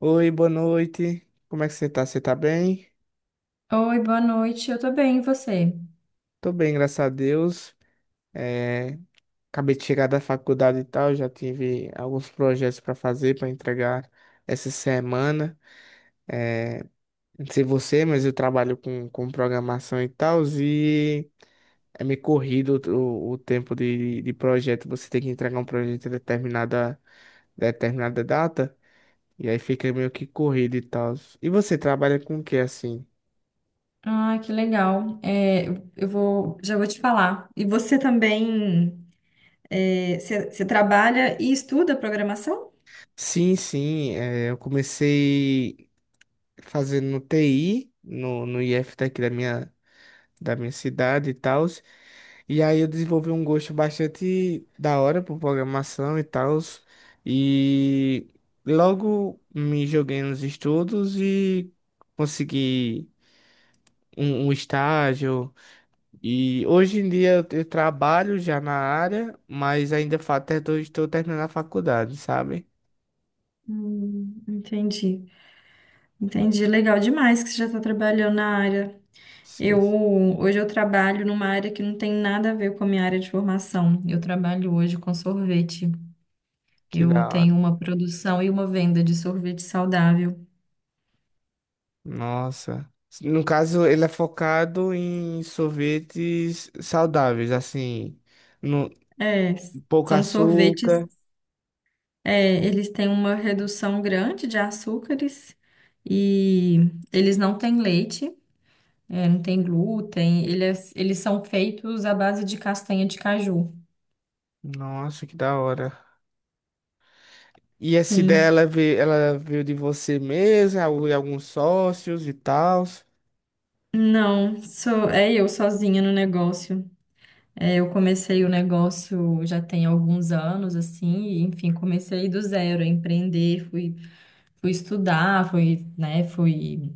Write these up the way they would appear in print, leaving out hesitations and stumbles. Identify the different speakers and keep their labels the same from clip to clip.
Speaker 1: Oi, boa noite. Como é que você tá? Você tá bem?
Speaker 2: Oi, boa noite. Eu tô bem, e você?
Speaker 1: Tô bem, graças a Deus. É, acabei de chegar da faculdade e tal, já tive alguns projetos para fazer, para entregar essa semana. É, não sei você, mas eu trabalho com programação e tal, e é meio corrido o tempo de projeto. Você tem que entregar um projeto em determinada data, e aí fica meio que corrido e tal. E você trabalha com o que assim?
Speaker 2: Ah, que legal. Eu vou, já vou te falar. E você também, você trabalha e estuda programação?
Speaker 1: Sim, sim, eu comecei fazendo TI no IF daqui da da minha cidade e tal, e aí eu desenvolvi um gosto bastante da hora por programação e tal, e logo me joguei nos estudos e consegui um estágio, e hoje em dia eu trabalho já na área, mas ainda estou terminando a faculdade, sabe?
Speaker 2: Entendi, entendi. Legal demais que você já está trabalhando na área.
Speaker 1: Sim,
Speaker 2: Eu Hoje eu trabalho numa área que não tem nada a ver com a minha área de formação. Eu trabalho hoje com sorvete.
Speaker 1: que
Speaker 2: Eu
Speaker 1: da hora.
Speaker 2: tenho uma produção e uma venda de sorvete saudável.
Speaker 1: Nossa. No caso, ele é focado em sorvetes saudáveis, assim, no
Speaker 2: É,
Speaker 1: pouco
Speaker 2: são sorvetes.
Speaker 1: açúcar.
Speaker 2: É, eles têm uma redução grande de açúcares e eles não têm leite, é, não tem glúten, eles são feitos à base de castanha de caju.
Speaker 1: Nossa, que da hora. E essa ideia
Speaker 2: Sim.
Speaker 1: ela veio de você mesmo, é é alguns sócios e tal.
Speaker 2: Não, sou, é eu sozinha no negócio. É, eu comecei o negócio já tem alguns anos, assim, e, enfim, comecei do zero a empreender, fui, fui estudar, fui, né, fui,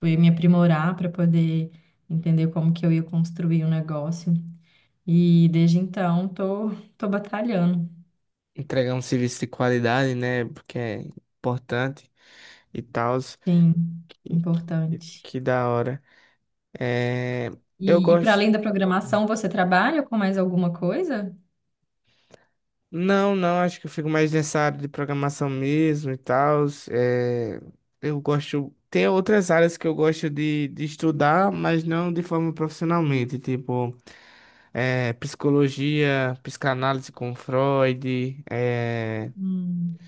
Speaker 2: fui me aprimorar para poder entender como que eu ia construir o negócio. E desde então tô, tô batalhando.
Speaker 1: Entregar um serviço de qualidade, né? Porque é importante e tal.
Speaker 2: Sim,
Speaker 1: Que,
Speaker 2: importante.
Speaker 1: que da hora. É, eu
Speaker 2: E para
Speaker 1: gosto.
Speaker 2: além da programação, você trabalha com mais alguma coisa?
Speaker 1: Não, não, acho que eu fico mais nessa área de programação mesmo e tal. É, eu gosto. Tem outras áreas que eu gosto de estudar, mas não de forma profissionalmente, tipo é, psicologia, psicanálise com Freud, é,
Speaker 2: Hum,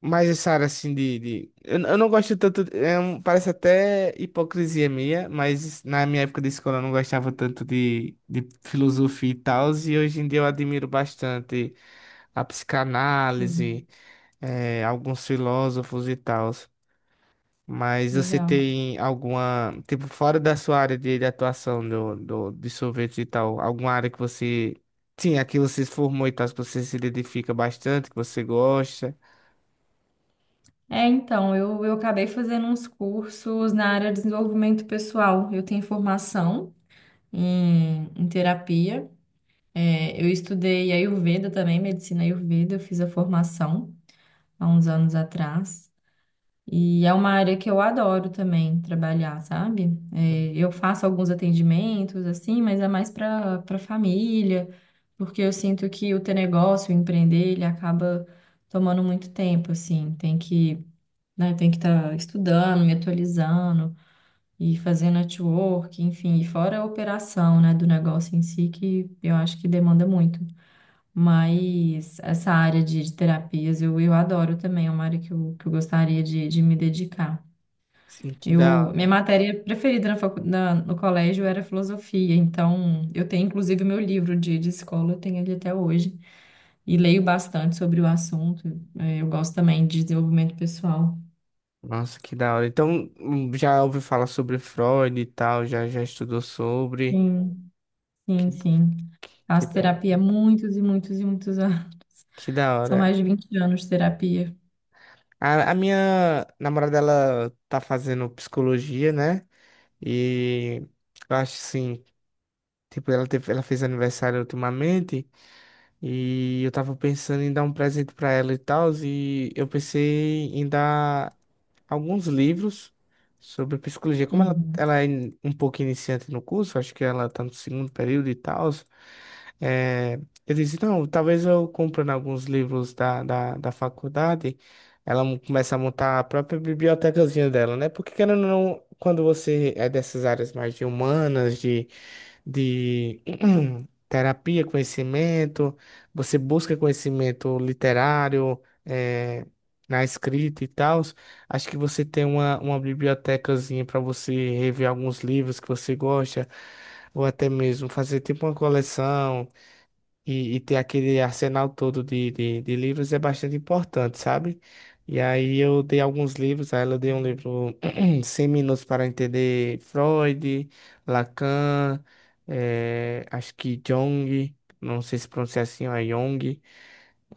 Speaker 1: mais essa área assim eu não gosto tanto. Parece até hipocrisia minha, mas na minha época de escola eu não gostava tanto de filosofia e tal, e hoje em dia eu admiro bastante a
Speaker 2: sim,
Speaker 1: psicanálise. É, alguns filósofos e tal. Mas você
Speaker 2: legal.
Speaker 1: tem alguma, tipo, fora da sua área de atuação de sorvetes e tal, alguma área que você, sim, aqui você se formou e tal, que você se identifica bastante, que você gosta?
Speaker 2: É, então, eu acabei fazendo uns cursos na área de desenvolvimento pessoal. Eu tenho formação em terapia. É, eu estudei Ayurveda também, medicina Ayurveda, eu fiz a formação há uns anos atrás. E é uma área que eu adoro também trabalhar, sabe? É, eu faço alguns atendimentos, assim, mas é mais para família, porque eu sinto que o ter negócio, o empreender, ele acaba tomando muito tempo, assim. Tem que, né, tem que estar estudando, me atualizando e fazendo network, enfim, e fora a operação, né, do negócio em si, que eu acho que demanda muito. Mas essa área de terapias eu adoro também, é uma área que que eu gostaria de me dedicar.
Speaker 1: Sim, que da
Speaker 2: Eu, minha
Speaker 1: hora.
Speaker 2: matéria preferida no colégio era filosofia, então eu tenho inclusive o meu livro de escola, eu tenho ele até hoje, e leio bastante sobre o assunto. Eu gosto também de desenvolvimento pessoal.
Speaker 1: Nossa, que da hora. Então, já ouviu falar sobre Freud e tal, já, já estudou sobre.
Speaker 2: Sim,
Speaker 1: Que,
Speaker 2: sim.
Speaker 1: que
Speaker 2: Faço
Speaker 1: da,
Speaker 2: terapia há muitos e muitos e muitos anos.
Speaker 1: que da
Speaker 2: São
Speaker 1: hora.
Speaker 2: mais de vinte anos de terapia.
Speaker 1: A minha namorada, ela tá fazendo psicologia, né? E eu acho assim. Tipo, ela teve, ela fez aniversário ultimamente e eu tava pensando em dar um presente pra ela e tal, e eu pensei em dar alguns livros sobre psicologia. Como
Speaker 2: Uhum.
Speaker 1: ela é um pouco iniciante no curso, acho que ela tá no segundo período e tal, é, eu disse, não, talvez eu comprando alguns livros da faculdade, ela começa a montar a própria bibliotecazinha dela, né? Porque querendo ou não, quando você é dessas áreas mais de humanas, de terapia, conhecimento, você busca conhecimento literário, é, na escrita e tal, acho que você tem uma bibliotecazinha para você rever alguns livros que você gosta, ou até mesmo fazer tipo uma coleção e ter aquele arsenal todo de livros é bastante importante, sabe? E aí eu dei alguns livros, a ela deu um livro 100 minutos para entender Freud, Lacan, eh, acho que Jung, não sei se pronuncia assim, ou é Jung,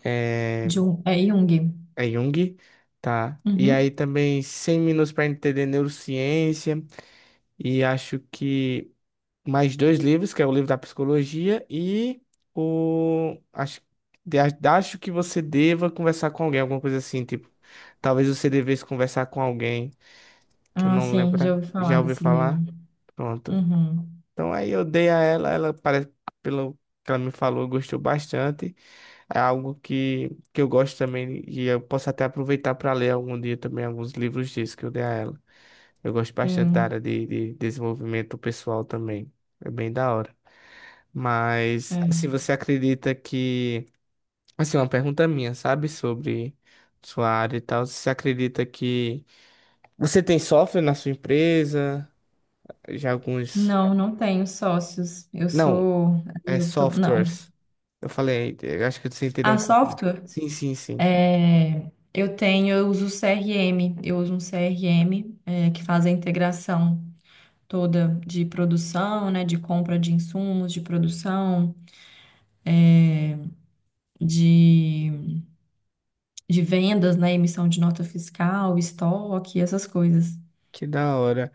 Speaker 1: é,
Speaker 2: Jung, é Jung.
Speaker 1: é Jung, tá? E
Speaker 2: Uhum.
Speaker 1: aí também 100 minutos para entender neurociência, e acho que mais dois livros, que é o livro da psicologia e o acho, de- acho que você deva conversar com alguém, alguma coisa assim, tipo, talvez você devesse conversar com alguém, que eu
Speaker 2: Ah,
Speaker 1: não
Speaker 2: sim,
Speaker 1: lembro,
Speaker 2: já ouvi falar
Speaker 1: já ouvi
Speaker 2: desse
Speaker 1: falar.
Speaker 2: livro.
Speaker 1: Pronto.
Speaker 2: Uhum.
Speaker 1: Então aí eu dei a ela, ela parece pelo que ela me falou, gostou bastante. É algo que eu gosto também e eu posso até aproveitar para ler algum dia também alguns livros disso que eu dei a ela. Eu gosto bastante da
Speaker 2: Sim.
Speaker 1: área de desenvolvimento pessoal também. É bem da hora. Mas,
Speaker 2: É.
Speaker 1: assim, você acredita que. Assim, uma pergunta minha, sabe? Sobre sua área e tal. Você acredita que. Você tem software na sua empresa? Já alguns.
Speaker 2: Não, não tenho sócios. Eu
Speaker 1: Não,
Speaker 2: sou.
Speaker 1: é
Speaker 2: Eu tô... Não.
Speaker 1: softwares. Eu falei, eu acho que você entendeu
Speaker 2: A
Speaker 1: um pouco.
Speaker 2: software,
Speaker 1: Sim, sim, sim.
Speaker 2: é, eu tenho, eu uso CRM, eu uso um CRM, é, que faz a integração toda de produção, né, de compra de insumos, de produção, de, de vendas, né, emissão de nota fiscal, estoque, essas coisas.
Speaker 1: Que da hora.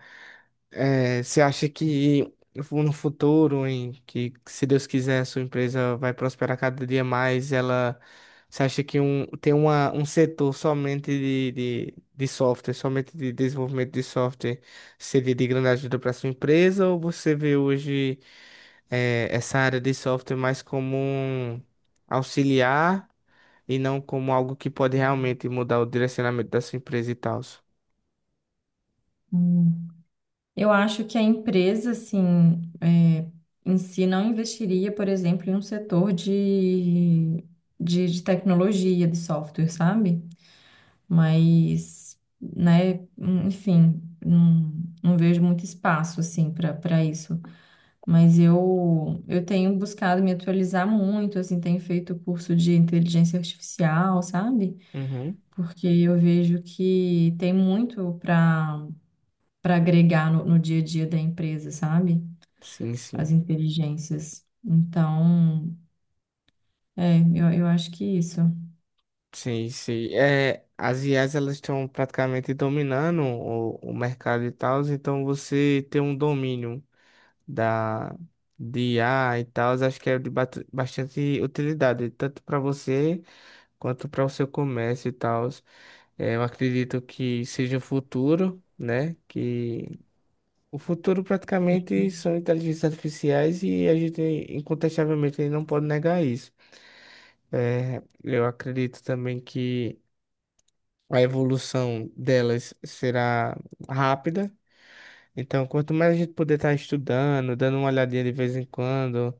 Speaker 1: É, você acha que no futuro, em que se Deus quiser, a sua empresa vai prosperar cada dia mais, ela, você acha que um, tem uma, um setor somente de software, somente de desenvolvimento de software, seria de grande ajuda para sua empresa, ou você vê hoje é, essa área de software mais como um auxiliar e não como algo que pode realmente mudar o direcionamento da sua empresa e tal?
Speaker 2: Hum. Eu acho que a empresa, assim, é, em si não investiria, por exemplo, em um setor de, de tecnologia, de software, sabe? Mas, né, enfim, não, não vejo muito espaço assim para isso. Mas eu tenho buscado me atualizar muito, assim, tenho feito curso de inteligência artificial, sabe?
Speaker 1: Uhum.
Speaker 2: Porque eu vejo que tem muito para agregar no dia a dia da empresa, sabe?
Speaker 1: Sim,
Speaker 2: As
Speaker 1: sim.
Speaker 2: inteligências. Então, é, eu acho que isso.
Speaker 1: Sim, sim. É, as IAs elas estão praticamente dominando o mercado e tal, então você ter um domínio da de I a e tal, acho que é de bastante utilidade, tanto para você quanto para o seu comércio e tal. É, eu acredito que seja o futuro, né? Que o futuro praticamente são inteligências artificiais e a gente incontestavelmente não pode negar isso. É, eu acredito também que a evolução delas será rápida. Então, quanto mais a gente puder estar estudando, dando uma olhadinha de vez em quando,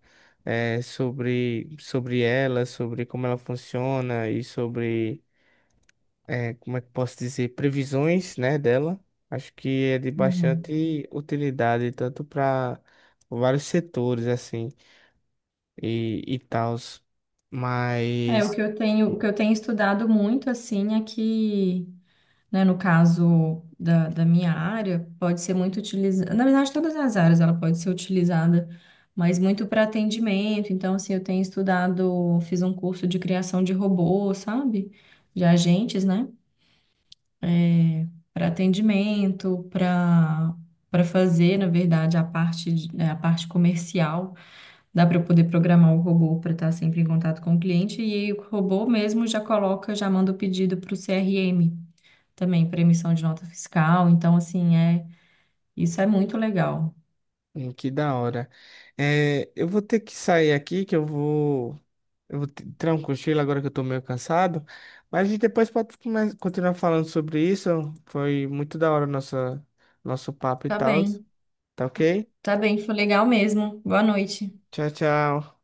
Speaker 1: eh, sobre, sobre ela, sobre como ela funciona e sobre, eh, como é que posso dizer, previsões, né, dela, acho que é de
Speaker 2: Uhum.
Speaker 1: bastante utilidade, tanto para vários setores, assim, e tal.
Speaker 2: É, o
Speaker 1: Mas.
Speaker 2: que eu tenho, o que eu tenho estudado muito, assim, é que né, no caso da minha área, pode ser muito utilizada. Na verdade, todas as áreas ela pode ser utilizada, mas muito para atendimento. Então, assim, eu tenho estudado, fiz um curso de criação de robô, sabe? De agentes, né? Para atendimento, para fazer, na verdade, a parte, de- né, a parte comercial. Dá para eu poder programar o robô para estar sempre em contato com o cliente e aí o robô mesmo já coloca, já manda o pedido para o CRM também para emissão de nota fiscal. Então, assim, é, isso é muito legal.
Speaker 1: Que da hora. É, eu vou ter que sair aqui, que eu vou. Eu vou tirar um cochilo agora que eu tô meio cansado. Mas a gente depois pode continuar falando sobre isso. Foi muito da hora nossa, nosso papo e
Speaker 2: Tá
Speaker 1: tal.
Speaker 2: bem,
Speaker 1: Tá ok?
Speaker 2: tá bem, foi legal mesmo. Boa noite.
Speaker 1: Tchau, tchau.